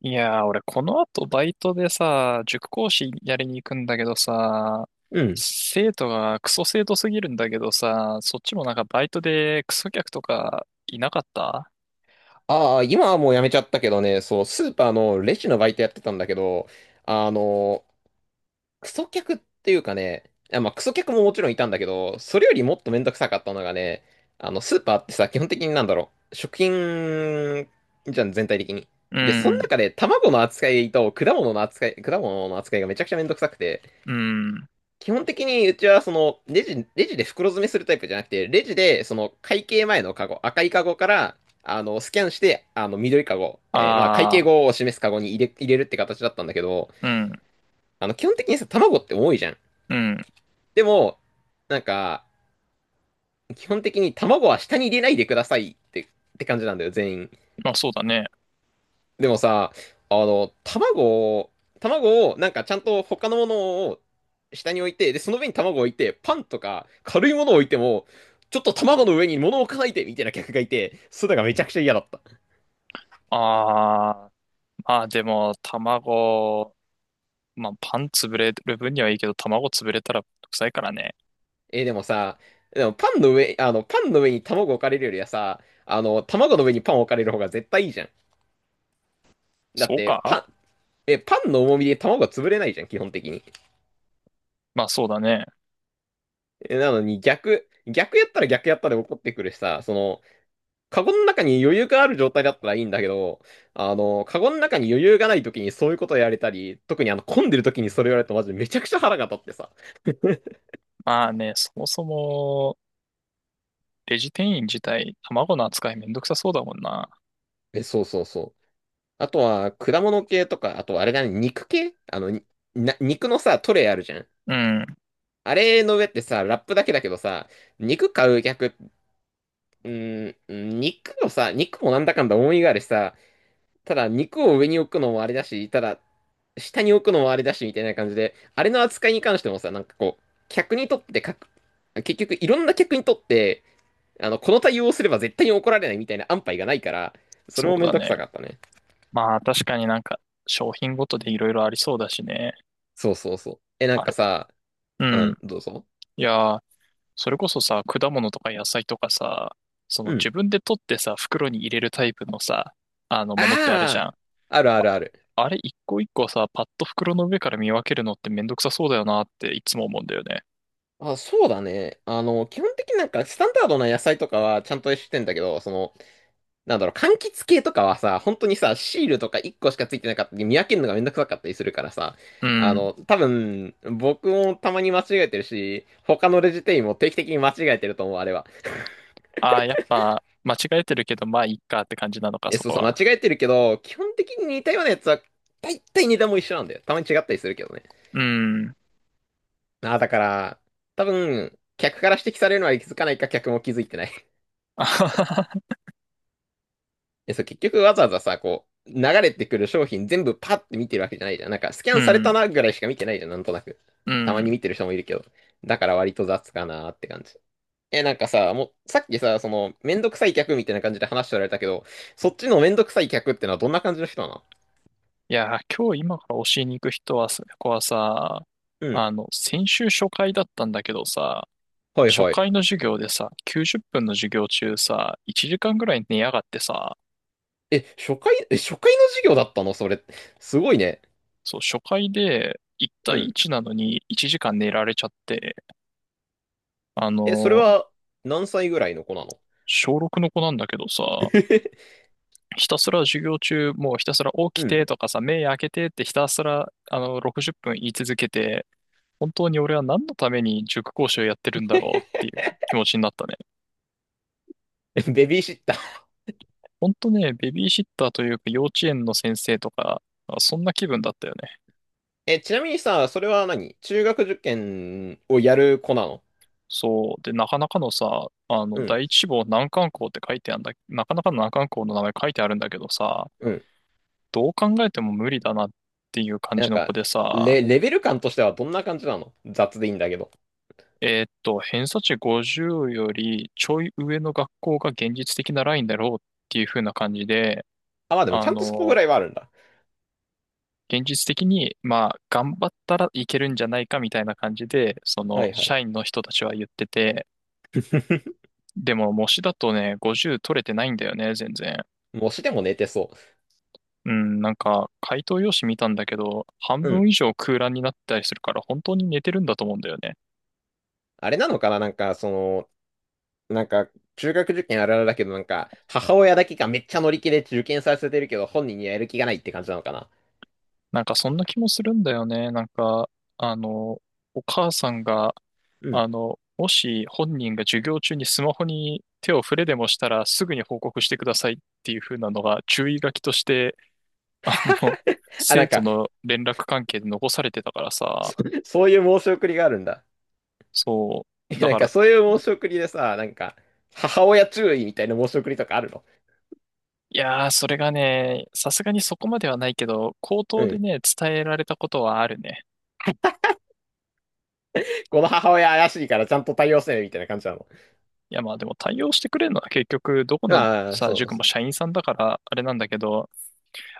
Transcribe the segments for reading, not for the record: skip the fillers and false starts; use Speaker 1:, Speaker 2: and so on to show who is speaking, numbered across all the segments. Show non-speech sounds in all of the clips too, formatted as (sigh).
Speaker 1: いやー、俺この後バイトでさ、塾講師やりに行くんだけどさ、
Speaker 2: うん。
Speaker 1: 生徒がクソ生徒すぎるんだけどさ、そっちもなんかバイトでクソ客とかいなかった？
Speaker 2: ああ、今はもうやめちゃったけどね。そう、スーパーのレジのバイトやってたんだけど、あの、クソ客っていうかね、クソ客ももちろんいたんだけど、それよりもっとめんどくさかったのがね、スーパーってさ、基本的になんだろう、食品じゃん、全体的に。
Speaker 1: う
Speaker 2: で、その
Speaker 1: ん、
Speaker 2: 中で卵の扱いと果物の扱いがめちゃくちゃめんどくさくて、
Speaker 1: うん、
Speaker 2: 基本的にうちはそのレジで袋詰めするタイプじゃなくて、レジでその会計前のカゴ、赤いカゴからあのスキャンして、あの緑カゴ、まあ会計
Speaker 1: あ
Speaker 2: 後を示すカゴに入れるって形だったんだけど、
Speaker 1: ー、うん、
Speaker 2: あの基本的にさ、卵って重いじゃん。
Speaker 1: うん、
Speaker 2: でも、なんか、基本的に卵は下に入れないでくださいって、って感じなんだよ、全員。
Speaker 1: まあそうだね。
Speaker 2: でもさ、あの、卵を、卵を、なんかちゃんと他のものを下に置いて、で、その上に卵を置いて、パンとか軽いものを置いても、ちょっと卵の上に物を置かないで、みたいな客がいて、それがめちゃくちゃ嫌だった。
Speaker 1: あー、まあでも卵、まあパン潰れる分にはいいけど卵潰れたら臭いからね。
Speaker 2: でもさ、でもパンの上、あの、パンの上に卵置かれるよりはさ、あの、卵の上にパン置かれる方が絶対いいじゃん。だ
Speaker 1: そ
Speaker 2: っ
Speaker 1: う
Speaker 2: て、
Speaker 1: か。
Speaker 2: パンの重みで卵が潰れないじゃん、基本的に。
Speaker 1: まあそうだね。
Speaker 2: なのに逆やったら逆やったで怒ってくるしさ。その、カゴの中に余裕がある状態だったらいいんだけど、あの、カゴの中に余裕がない時にそういうことをやられたり、特にあの、混んでる時にそれをやられるとマジでめちゃくちゃ腹が立ってさ。
Speaker 1: まあね、そもそも、レジ店員自体、卵の扱いめんどくさそうだもんな。
Speaker 2: え、そうそうそう。あとは、果物系とか、あとあれだね、肉系あの、にな、肉のさ、トレイあるじゃん。
Speaker 1: うん、
Speaker 2: あれの上ってさ、ラップだけだけどさ、肉買う客、うー肉もさ、肉もなんだかんだ思いがあるしさ、ただ肉を上に置くのもあれだし、ただ下に置くのもあれだし、みたいな感じで、あれの扱いに関してもさ、なんかこう、客にとってかく、結局いろんな客にとって、あの、この対応をすれば絶対に怒られないみたいな安牌がないから、そ
Speaker 1: そ
Speaker 2: れも
Speaker 1: う
Speaker 2: めん
Speaker 1: だ
Speaker 2: どく
Speaker 1: ね。
Speaker 2: さかったね。
Speaker 1: まあ確かになんか商品ごとでいろいろありそうだしね。
Speaker 2: そうそうそう。え、なん
Speaker 1: あ
Speaker 2: か
Speaker 1: れ、
Speaker 2: さ。
Speaker 1: う
Speaker 2: う
Speaker 1: ん。
Speaker 2: ん、どうぞ。
Speaker 1: いやー、それこそさ、果物とか野菜とかさ、その
Speaker 2: うん。
Speaker 1: 自分で取ってさ、袋に入れるタイプのさ、あのものってあるじ
Speaker 2: あ
Speaker 1: ゃん。
Speaker 2: あ、あるあるある。
Speaker 1: あれ一個一個さ、パッと袋の上から見分けるのってめんどくさそうだよなっていつも思うんだよね。
Speaker 2: あ、そうだね。あの、基本的になんかスタンダードな野菜とかはちゃんとしてんだけど、その、なんだろう、柑橘系とかはさ、本当にさ、シールとか1個しかついてなかったり、見分けるのがめんどくさかったりするからさ、
Speaker 1: う
Speaker 2: あ
Speaker 1: ん。
Speaker 2: の、多分、僕もたまに間違えてるし、他のレジ店員も定期的に間違えてると思う、あれは。(laughs)
Speaker 1: ああ、やっぱ間違えてるけど、まあいいかって感じなのか、
Speaker 2: え、
Speaker 1: そ
Speaker 2: そう
Speaker 1: こ
Speaker 2: そう、間違
Speaker 1: は。
Speaker 2: えてるけど、基本的に似たようなやつは、大体値段も一緒なんだよ。たまに違ったりするけどね。
Speaker 1: うん。
Speaker 2: ああ、だから、多分、客から指摘されるのは気づかないか、客も気づいてない。
Speaker 1: (laughs)
Speaker 2: え、そう、結局わざわざさ、こう、流れてくる商品全部パッて見てるわけじゃないじゃん。なんか、スキャ
Speaker 1: う
Speaker 2: ンされた
Speaker 1: ん。
Speaker 2: なぐらいしか見てないじゃん、なんとなく。
Speaker 1: う
Speaker 2: たまに
Speaker 1: ん。
Speaker 2: 見てる人もいるけど。だから割と雑かなーって感じ。え、なんかさ、もう、さっきさ、その、めんどくさい客みたいな感じで話しておられたけど、そっちのめんどくさい客ってのはどんな感じの人なの？
Speaker 1: いやー、今日今から教えに行く人はさ、子はさ、
Speaker 2: うん。
Speaker 1: 先週初回だったんだけどさ、
Speaker 2: はい
Speaker 1: 初
Speaker 2: はい。
Speaker 1: 回の授業でさ、90分の授業中さ、1時間ぐらい寝やがってさ、
Speaker 2: え、初回、え、初回の授業だったのそれ？すごいね。
Speaker 1: そう、初回で1
Speaker 2: う
Speaker 1: 対
Speaker 2: ん。
Speaker 1: 1なのに1時間寝られちゃって、あ
Speaker 2: え、それ
Speaker 1: の、
Speaker 2: は、何歳ぐらいの子なの？
Speaker 1: 小6の子なんだけどさ、
Speaker 2: (laughs)
Speaker 1: ひたすら授業中、もうひたすら起き
Speaker 2: う
Speaker 1: て
Speaker 2: ん。
Speaker 1: とかさ、目開けてってひたすら、60分言い続けて、本当に俺は何のために塾講師をやってるんだろうっていう気持ちになったね。
Speaker 2: ベビーシッター。
Speaker 1: 本当ね、ベビーシッターというか幼稚園の先生とか、あ、そんな気分だったよね。
Speaker 2: え、ちなみにさ、それは何中学受験をやる子なの？
Speaker 1: そう。で、なかなかのさ、
Speaker 2: うん、
Speaker 1: 第一志望難関校って書いてあるんだ、なかなかの難関校の名前書いてあるんだけどさ、
Speaker 2: うん。
Speaker 1: どう考えても無理だなっていう感
Speaker 2: な
Speaker 1: じ
Speaker 2: ん
Speaker 1: の子
Speaker 2: か、
Speaker 1: でさ、
Speaker 2: レ、レベル感としてはどんな感じなの？雑でいいんだけど。
Speaker 1: 偏差値50よりちょい上の学校が現実的なラインだろうっていう風な感じで、
Speaker 2: あ、まあでもち
Speaker 1: あ
Speaker 2: ゃんとそこぐ
Speaker 1: の、
Speaker 2: らいはあるんだ。
Speaker 1: 現実的に、まあ、頑張ったらいけるんじゃないかみたいな感じで、そ
Speaker 2: は
Speaker 1: の、
Speaker 2: いはい。
Speaker 1: 社員の人たちは言ってて、
Speaker 2: (laughs)
Speaker 1: でも、模試だとね、50取れてないんだよね、全然。
Speaker 2: 模試でも寝てそ
Speaker 1: うん、なんか、回答用紙見たんだけど、半
Speaker 2: う。う
Speaker 1: 分
Speaker 2: ん。
Speaker 1: 以上空欄になったりするから、本当に寝てるんだと思うんだよね。
Speaker 2: あれなのかななんか、その、なんか、中学受験あるあるだけど、なんか、母親だけがめっちゃ乗り気で受験させてるけど、本人にはやる気がないって感じなのかな？
Speaker 1: なんか、そんな気もするんだよね。なんか、あの、お母さんが、
Speaker 2: うん。
Speaker 1: もし本人が授業中にスマホに手を触れでもしたらすぐに報告してくださいっていう風なのが注意書きとして (laughs) あの、
Speaker 2: (laughs) あ、な
Speaker 1: 生
Speaker 2: ん
Speaker 1: 徒
Speaker 2: か、
Speaker 1: の連絡関係で残されてたからさ、
Speaker 2: そういう申し送りがあるんだ。
Speaker 1: そう、
Speaker 2: え、
Speaker 1: だ
Speaker 2: なん
Speaker 1: か
Speaker 2: か
Speaker 1: ら、
Speaker 2: そういう申し送りでさ、なんか、母親注意みたいな申し送りとかあるの？
Speaker 1: いやー、それがね、さすがにそこまではないけど、口
Speaker 2: う
Speaker 1: 頭で
Speaker 2: ん。
Speaker 1: ね、伝えられたことはあるね。
Speaker 2: この母親怪しいからちゃんと対応せねみたいな感じなの？
Speaker 1: いや、まあでも対応してくれるのは結局、どこの
Speaker 2: ああ、
Speaker 1: さ、
Speaker 2: そう
Speaker 1: 塾も
Speaker 2: そう。
Speaker 1: 社員さんだから、あれなんだけど、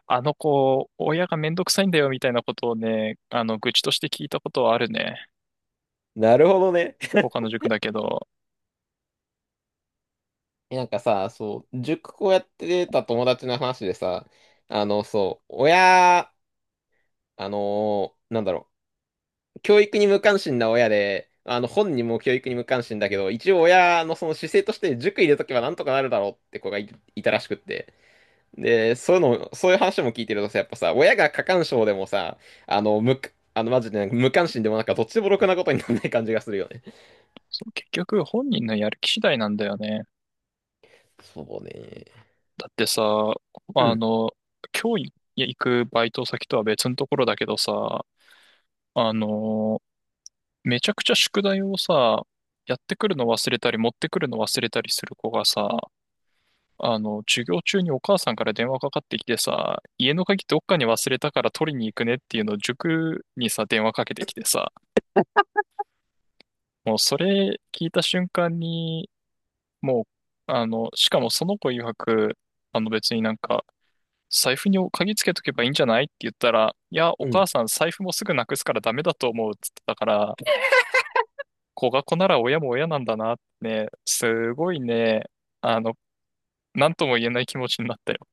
Speaker 1: あの子、親がめんどくさいんだよ、みたいなことをね、愚痴として聞いたことはあるね。
Speaker 2: なるほどね。
Speaker 1: 他の塾だけど、
Speaker 2: え、なんかさ、そう、塾こうやってた友達の話でさ、あの、そう、親、あのーなんだろう、教育に無関心な親で、あの、本人も教育に無関心だけど、一応親のその姿勢として塾入れとけばなんとかなるだろうって子がい、いたらしくって。で、そういうの、そういう話も聞いてるとさ、やっぱさ、親が過干渉でもさ、あの、無、あの、マジで無関心でもなんかどっちでもろくなことにならない感じがするよね。
Speaker 1: そう、結局、本人のやる気次第なんだよね。
Speaker 2: そうね。
Speaker 1: だってさ、
Speaker 2: う
Speaker 1: あ
Speaker 2: ん、
Speaker 1: の、今日行くバイト先とは別のところだけどさ、あの、めちゃくちゃ宿題をさ、やってくるの忘れたり持ってくるの忘れたりする子がさ、授業中にお母さんから電話かかってきてさ、家の鍵どっかに忘れたから取りに行くねっていうのを塾にさ、電話かけてきてさ、もうそれ聞いた瞬間に、もう、しかもその子曰く、別になんか、財布に鍵つけとけばいいんじゃないって言ったら、いや、お
Speaker 2: う
Speaker 1: 母
Speaker 2: ん。
Speaker 1: さん財布もすぐなくすからダメだと思うっつってたから、子が子なら親も親なんだなってね、すごいね、あの、なんとも言えない気持ちになったよ。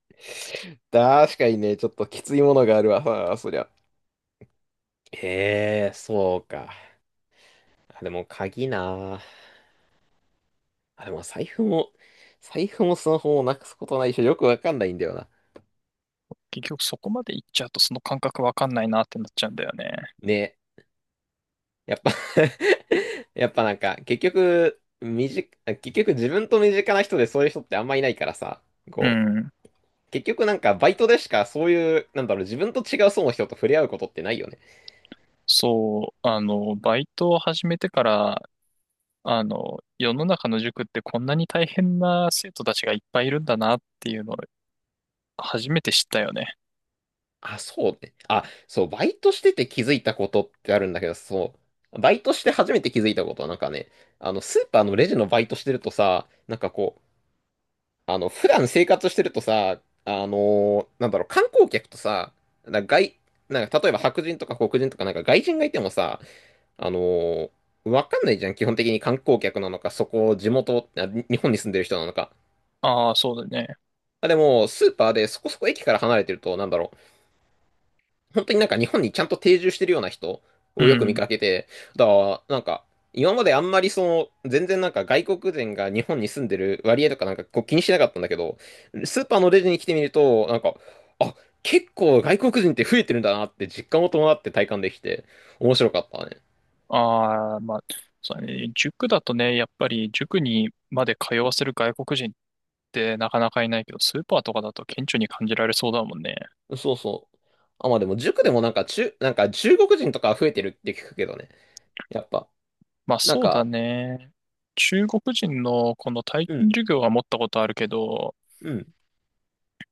Speaker 2: 確かにね、ちょっときついものがあるわ、あそりゃ。ええそうか。あ、でも鍵なあ。あ、でも財布も、財布もスマホもなくすことないし、よくわかんないんだよな。
Speaker 1: 結局そこまで行っちゃうとその感覚わかんないなってなっちゃうんだよね。
Speaker 2: ね、やっぱ (laughs) やっぱなんか、結局自分と身近な人でそういう人ってあんまいないからさ、
Speaker 1: う
Speaker 2: こ
Speaker 1: ん。
Speaker 2: う、結局なんかバイトでしかそういう、なんだろう、自分と違う層の人と触れ合うことってないよね。
Speaker 1: そう、バイトを始めてから、世の中の塾ってこんなに大変な生徒たちがいっぱいいるんだなっていうのを初めて知ったよね。
Speaker 2: あ、そうね。あ、そう、バイトしてて気づいたことってあるんだけど、そう、バイトして初めて気づいたことはなんかね、あの、スーパーのレジのバイトしてるとさ、なんかこう、あの、普段生活してるとさ、あのなんだろう、観光客とさ、なんか外、なんか例えば白人とか黒人とかなんか外人がいてもさ、あのわかんないじゃん、基本的に観光客なのか、そこ、地元、あ日本に住んでる人なのか。
Speaker 1: ああ、そうだね。
Speaker 2: あ、でも、スーパーでそこそこ駅から離れてると、なんだろ、本当になんか日本にちゃんと定住してるような人
Speaker 1: う
Speaker 2: をよく見
Speaker 1: ん。
Speaker 2: かけて、だから、なんか、今まであんまりその、全然なんか外国人が日本に住んでる割合とかなんかこう気にしなかったんだけど、スーパーのレジに来てみると、なんか、あ、結構外国人って増えてるんだなって実感を伴って体感できて、面白かったね。
Speaker 1: ああ、まあ、そうだね。塾だとね、やっぱり塾にまで通わせる外国人ってなかなかいないけど、スーパーとかだと顕著に感じられそうだもんね。
Speaker 2: そうそう。あ、まあでも塾でもなんか中、なんか中国人とか増えてるって聞くけどね。やっぱ、
Speaker 1: まあ
Speaker 2: なん
Speaker 1: そうだ
Speaker 2: か、
Speaker 1: ね。中国人のこの体
Speaker 2: う
Speaker 1: 験
Speaker 2: ん、
Speaker 1: 授業は持ったことあるけど、
Speaker 2: うん。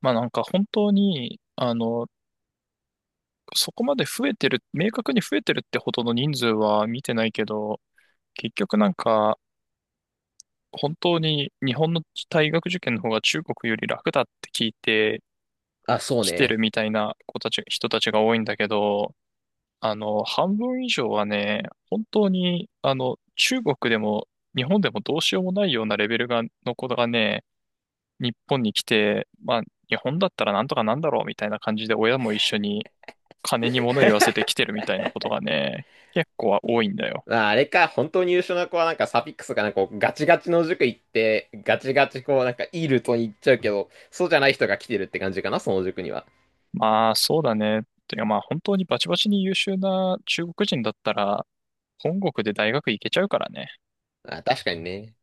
Speaker 1: まあなんか本当に、そこまで増えてる、明確に増えてるってほどの人数は見てないけど、結局なんか、本当に日本の大学受験の方が中国より楽だって聞いて、
Speaker 2: あ、そう
Speaker 1: 来てる
Speaker 2: ね。
Speaker 1: みたいな子たち、人たちが多いんだけど、半分以上はね、本当に、中国でも日本でもどうしようもないようなレベルが、の子がね、日本に来て、まあ、日本だったらなんとかなんだろうみたいな感じで親も一緒に金に物言わせて来てるみたいなことがね、結構は多いんだよ。
Speaker 2: まああれか、本当に優秀な子はなんかサフィックスかなんかこうガチガチの塾行って、ガチガチこうなんかいいルートに行っちゃうけど、そうじゃない人が来てるって感じかな、その塾には。
Speaker 1: まあ、そうだね。てかまあ、本当にバチバチに優秀な中国人だったら、本国で大学行けちゃうからね。
Speaker 2: ああ、確かにね。